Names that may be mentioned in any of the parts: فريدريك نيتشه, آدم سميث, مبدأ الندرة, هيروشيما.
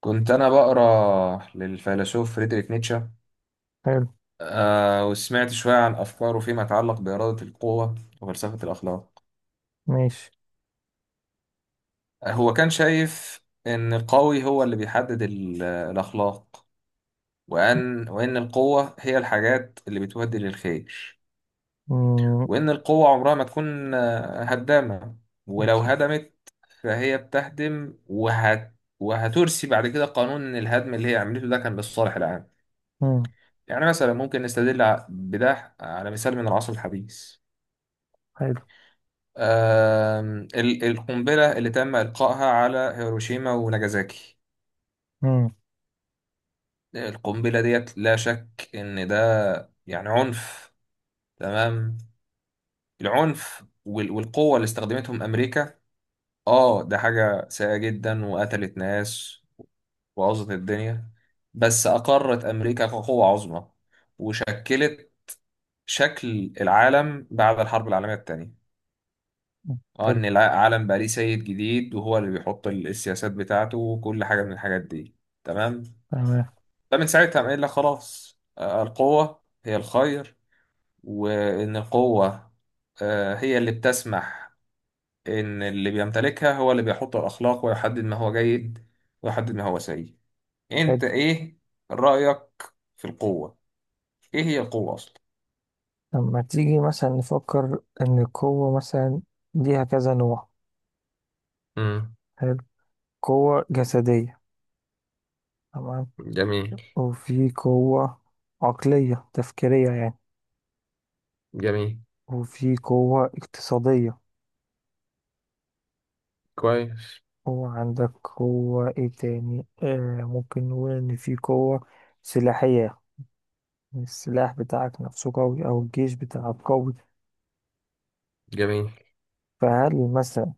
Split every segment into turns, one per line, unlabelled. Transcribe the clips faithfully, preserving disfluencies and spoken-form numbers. كنت أنا بقرأ للفيلسوف فريدريك نيتشه.
حلو.
آه وسمعت شوية عن أفكاره فيما يتعلق بإرادة القوة وفلسفة الأخلاق.
ماشي.
هو كان شايف إن القوي هو اللي بيحدد ال- الأخلاق، وأن وإن القوة هي الحاجات اللي بتودي للخير،
مم،
وإن القوة عمرها ما تكون آه، هدامة، ولو هدمت فهي بتهدم وهت وهترسي بعد كده قانون إن الهدم اللي هي عملته ده كان للصالح العام.
مم،
يعني مثلا ممكن نستدل ع- بده على مثال من العصر الحديث.
حلو.
آم، ال- القنبلة اللي تم إلقائها على هيروشيما وناجازاكي،
مم،
القنبلة ديت لا شك إن ده يعني عنف. تمام، العنف وال- والقوة اللي استخدمتهم أمريكا، آه ده حاجة سيئة جدا وقتلت ناس وبوظت الدنيا، بس أقرت أمريكا كقوة عظمى وشكلت شكل العالم بعد الحرب العالمية التانية. اه
حلو.
ان العالم بقى ليه سيد جديد وهو اللي بيحط ال- السياسات بتاعته وكل حاجه من الحاجات دي. تمام،
تمام.
فمن ساعتها قام قايل لك خلاص آه، القوه هي الخير، وان القوه آه، هي اللي بتسمح ان اللي بيمتلكها هو اللي بيحط الاخلاق ويحدد ما هو جيد ويحدد ما هو سيء. انت
حلو.
ايه رايك في القوه؟ ايه هي القوه اصلا؟
لما تيجي مثلا نفكر إن القوة مثلا ليها كذا نوع.
امم.
حلو. قوة جسدية. تمام.
جميل.
وفي قوة عقلية تفكيرية، يعني.
جميل.
وفي قوة اقتصادية.
كويس.
وعندك قوة ايه تاني؟ آه ممكن نقول إن في قوة سلاحية. السلاح بتاعك نفسه قوي أو الجيش بتاعك قوي.
جميل.
فهل مثلا،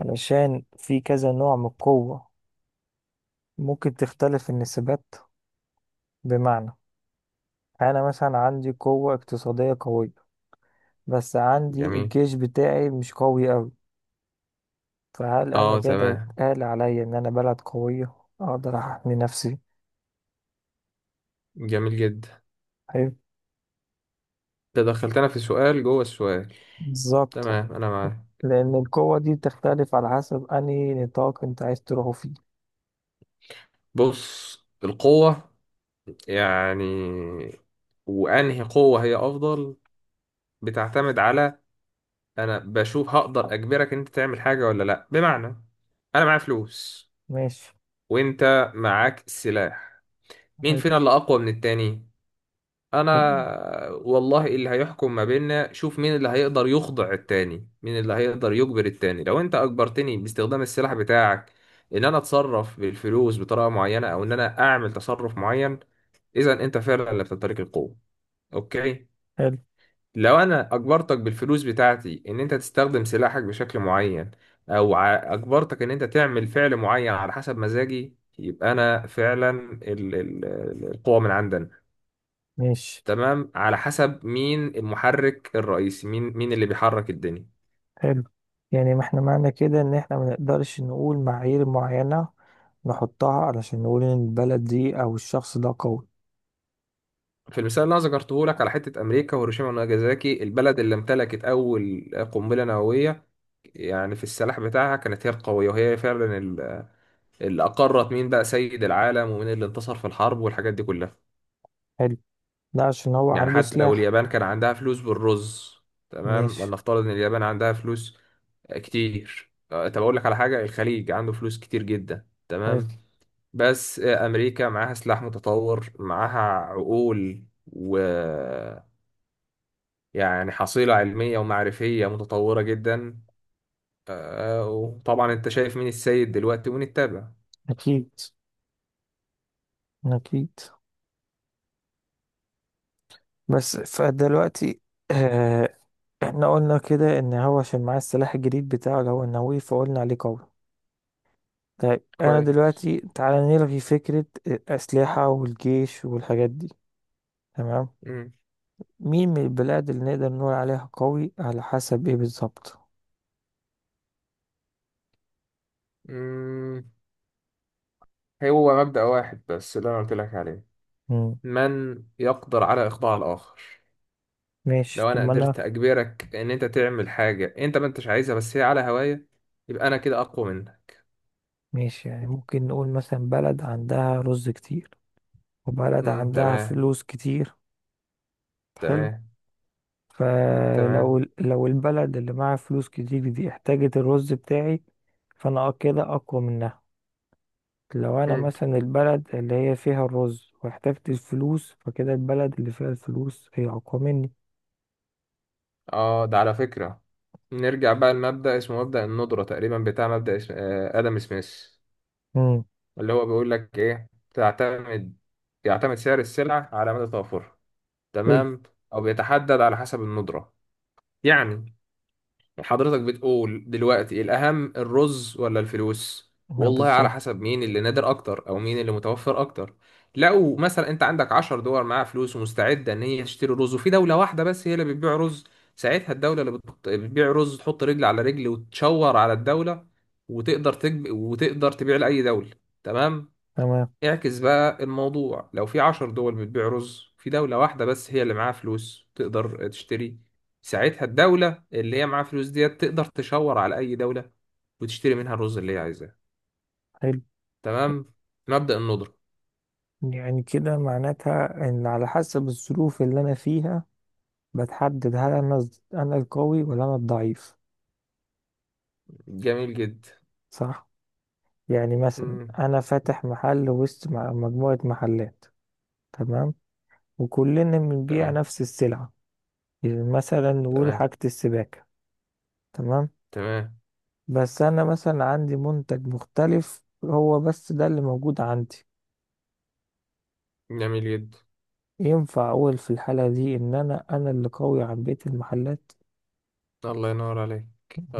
علشان في كذا نوع من القوة، ممكن تختلف النسبات؟ بمعنى أنا مثلا عندي قوة اقتصادية قوية بس عندي
جميل.
الجيش بتاعي مش قوي أوي. فهل أنا
اه.
كده
تمام.
يتقال عليا إن أنا بلد قوية أقدر أحمي نفسي؟
جميل جدا.
حلو.
ده دخلتنا في سؤال جوه السؤال.
بالظبط.
تمام، انا معاك.
لأن القوة دي بتختلف على حسب أنهي نطاق أنت عايز تروحه فيه.
بص، القوة، يعني، وانهي قوة هي افضل؟ بتعتمد على، انا بشوف هقدر اجبرك انت تعمل حاجة ولا لا. بمعنى، انا معايا فلوس
ماشي.
وانت معاك سلاح، مين
حلو.
فينا اللي اقوى من التاني؟ انا؟ والله اللي هيحكم ما بيننا شوف مين اللي هيقدر يخضع التاني، مين اللي هيقدر يجبر التاني. لو انت اجبرتني باستخدام السلاح بتاعك ان انا اتصرف بالفلوس بطريقة معينة او ان انا اعمل تصرف معين، اذا انت فعلا اللي بتمتلك القوة. اوكي.
حلو.
لو انا اجبرتك بالفلوس بتاعتي ان انت تستخدم سلاحك بشكل معين او ع- اجبرتك ان انت تعمل فعل معين على حسب مزاجي، يبقى انا فعلا ال- ال- القوة من عندنا.
ماشي.
تمام، على حسب مين المحرك الرئيسي، مين مين اللي بيحرك الدنيا.
حلو. يعني ما احنا معنى كده ان احنا ما نقدرش نقول معايير معينة نحطها علشان نقول ان البلد دي او الشخص ده قوي.
في المثال اللي انا ذكرته لك على حته امريكا وهيروشيما وناجازاكي، البلد اللي امتلكت اول قنبله نوويه، يعني في السلاح بتاعها كانت هي القويه، وهي فعلا ال- اللي اقرت مين بقى سيد العالم ومين اللي انتصر في الحرب والحاجات دي كلها.
حلو. لا، عشان هو
يعني
عنده
حتى لو
سلاح.
اليابان كان عندها فلوس بالرز. تمام،
ماشي.
ولنفترض ان اليابان عندها فلوس آه، كتير. آه، طب اقول لك على حاجه، الخليج عنده فلوس كتير جدا،
حلو.
تمام، بس أمريكا معاها سلاح متطور، معاها عقول و، يعني حصيلة علمية ومعرفية متطورة جدا. آه، وطبعا أنت شايف مين السيد دلوقتي ونتابع.
اكيد. اكيد. بس فدلوقتي، اه احنا قلنا كده ان هو عشان معاه السلاح الجديد بتاعه اللي هو النووي فقلنا عليه قوي. طيب انا
كويس.
دلوقتي، تعالى نلغي فكرة الاسلحة والجيش والحاجات دي. تمام.
مم.
مين من البلاد اللي نقدر نقول عليها قوي، على حسب ايه بالظبط؟
مم. هو مبدأ واحد بس اللي أنا قلت لك عليه،
مم.
من يقدر على إخضاع الآخر.
ماشي.
لو
طب
أنا
ما انا.
قدرت أجبرك إن أنت تعمل حاجة أنت ما أنتش عايزها بس هي على هواية، يبقى أنا كده أقوى منك.
ماشي. يعني ممكن نقول مثلا بلد عندها رز كتير وبلد
مم.
عندها
تمام.
فلوس كتير. حلو.
تمام. مم.
فلو
تمام.
ال- لو البلد اللي معاها فلوس كتير دي احتاجت الرز بتاعي فانا أ- كده اقوى منها. لو انا
مم.
مثلا البلد اللي هي فيها الرز واحتاجت الفلوس فكده البلد اللي فيها الفلوس هي اقوى مني.
اه ده على فكرة، نرجع بقى لمبدأ اسمه مبدأ الندرة تقريبا بتاع مبدأ اسم... آه، آدم سميث،
مم.
اللي هو بيقول لك ايه، تعتمد يعتمد سعر السلعة على مدى توفرها.
حلو.
تمام، او بيتحدد على حسب الندرة. يعني حضرتك بتقول دلوقتي الأهم الرز ولا الفلوس؟
أنا
والله على
بالظبط.
حسب مين اللي نادر أكتر أو مين اللي متوفر أكتر. لو مثلا أنت عندك عشر دول معاها فلوس ومستعدة إن هي تشتري رز وفي دولة واحدة بس هي اللي بتبيع رز، ساعتها الدولة اللي بت- بتبيع رز تحط رجل على رجل وتشور على الدولة وتقدر تجب... وتقدر تبيع لأي دولة. تمام،
تمام.
اعكس بقى الموضوع، لو في عشر دول بتبيع رز في دولة واحدة بس هي اللي معاها فلوس تقدر تشتري، ساعتها الدولة اللي هي معاها فلوس ديت تقدر تشاور على أي دولة وتشتري منها الرز اللي هي عايزاه.
حلو.
تمام، مبدأ الندرة.
يعني كده معناتها ان على حسب الظروف اللي انا فيها بتحدد هل انا انا القوي ولا انا الضعيف.
جميل جدا.
صح. يعني مثلا
مم.
انا فاتح محل وسط م- مجموعة محلات. تمام. وكلنا بنبيع
تمام.
نفس السلعة. يعني مثلا نقول
تمام.
حاجة السباكة. تمام.
تمام.
بس انا مثلا عندي منتج مختلف هو بس ده اللي موجود عندي.
جميل جدا.
ينفع اقول في الحالة دي ان انا انا اللي قوي عن بقية المحلات؟
الله ينور عليك.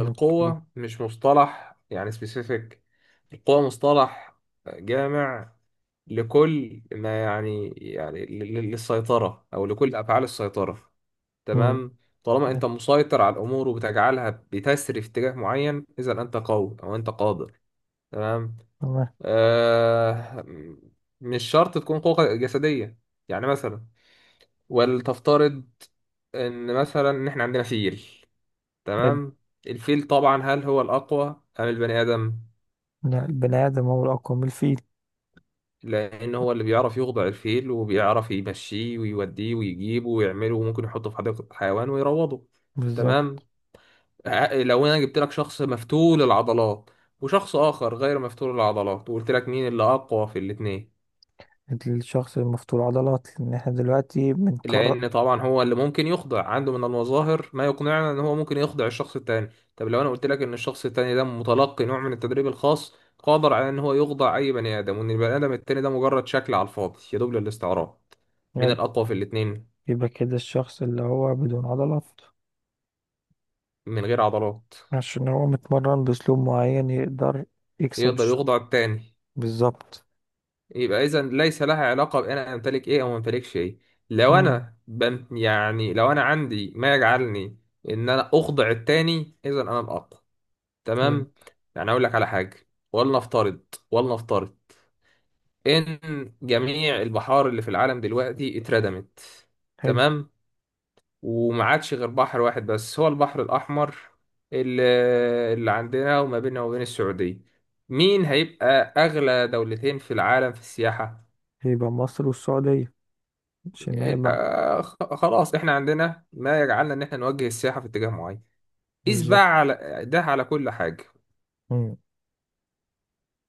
اوكي.
مش مصطلح يعني سبيسيفيك، القوة مصطلح جامع لكل ما يعني يعني لل- لل- للسيطرة أو لكل أفعال السيطرة.
امم.
تمام، طالما أنت مسيطر على الأمور وبتجعلها بتسري في اتجاه معين، إذا أنت قوي أو أنت قادر. تمام،
تمام.
آه مش شرط تكون قوة جسدية. يعني مثلا، ولتفترض إن مثلا إن إحنا عندنا فيل،
حلو.
تمام، الفيل طبعا هل هو الأقوى أم البني آدم؟
لا، البني آدم هو الأقوى من الفيل.
لأن هو اللي بيعرف يخضع الفيل وبيعرف يمشيه ويوديه ويجيبه ويعمله وممكن يحطه في حديقة الحيوان ويروضه. تمام،
بالظبط.
ع- لو أنا جبت لك شخص مفتول العضلات وشخص آخر غير مفتول العضلات وقلت لك مين اللي أقوى في الاتنين؟
الشخص المفتول عضلات، لأن احنا دلوقتي بنقرر.
لأن طبعا هو اللي ممكن يخضع، عنده من المظاهر ما يقنعنا إن هو ممكن يخضع الشخص التاني. طب لو أنا قلت لك إن الشخص التاني ده متلقي نوع من التدريب الخاص قادر على إن هو يخضع أي بني آدم، وإن البني آدم التاني ده مجرد شكل على الفاضي يدوب للاستعراض، مين الأقوى في الاتنين؟
يبقى كده الشخص اللي هو بدون عضلات.
من غير عضلات
عشان هو متمرن بأسلوب معين يقدر يكسب
يقدر
الشخص.
يخضع التاني،
بالظبط.
يبقى إذا ليس لها علاقة بأن أنا أمتلك إيه أو ما أمتلكش إيه. لو
امم
أنا بم يعني لو أنا عندي ما يجعلني إن أنا أخضع التاني، إذا أنا الأقوى. تمام،
فهمت.
يعني اقول لك على حاجه، ولنفترض ولنفترض ان جميع البحار اللي في العالم دلوقتي اتردمت.
حلو.
تمام، وما عادش غير بحر واحد بس هو البحر الاحمر، اللي, اللي عندنا وما بيننا وبين السعوديه، مين هيبقى اغلى دولتين في العالم في السياحه؟
يبقى مصر والسعودية، عشان هي بعد.
آه، خ- خلاص احنا عندنا ما يجعلنا ان احنا نوجه السياحه في اتجاه معين. قيس بقى
بالظبط.
على ده على كل حاجه،
امم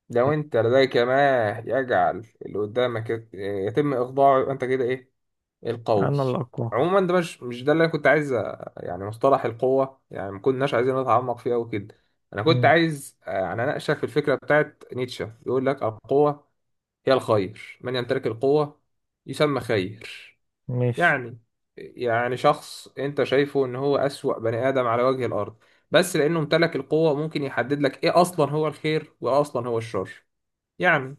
لو انت لديك ما يجعل اللي قدامك يت- يتم اخضاعه، يبقى انت كده ايه؟ القوي.
أنا الأقوى.
عموما ده مش مش ده اللي انا كنت عايز أ- يعني مصطلح القوة يعني ما كناش عايزين نتعمق فيه قوي كده. انا كنت
امم.
عايز، آه، يعني اناقشك في الفكرة بتاعت نيتشه، يقول لك القوة هي الخير، من يمتلك القوة يسمى خير.
ماشي.
يعني يعني شخص انت شايفه ان هو اسوأ بني ادم على وجه الارض، بس لانه امتلك القوة ممكن يحدد لك ايه اصلا هو الخير وايه اصلا هو الشر. يعني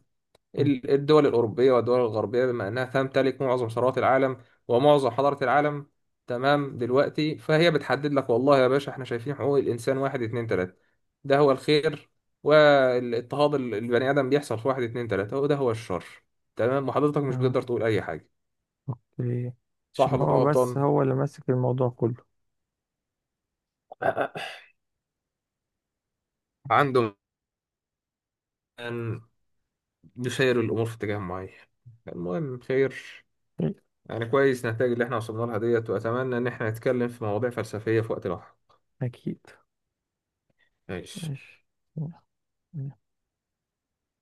مم.
ال- الدول الأوروبية والدول الغربية بما أنها تمتلك معظم ثروات العالم ومعظم حضارة العالم، تمام، دلوقتي فهي بتحدد لك والله يا باشا احنا شايفين حقوق الإنسان واحد اتنين تلاتة ده هو الخير، والاضطهاد ال- البني آدم بيحصل في واحد اتنين تلاتة وده هو الشر. تمام، وحضرتك مش
اه
بتقدر تقول أي حاجة،
أوكي.
صح
عشان
ولا أنا
هو بس
غلطان؟
هو اللي ماسك الموضوع كله.
عندهم أن يسير الأمور في اتجاه معين، المهم خير. يعني كويس نتائج اللي احنا وصلنا لها ديت، وأتمنى إن احنا نتكلم في مواضيع فلسفية في وقت لاحق.
أكيد.
ماشي.
ماشي.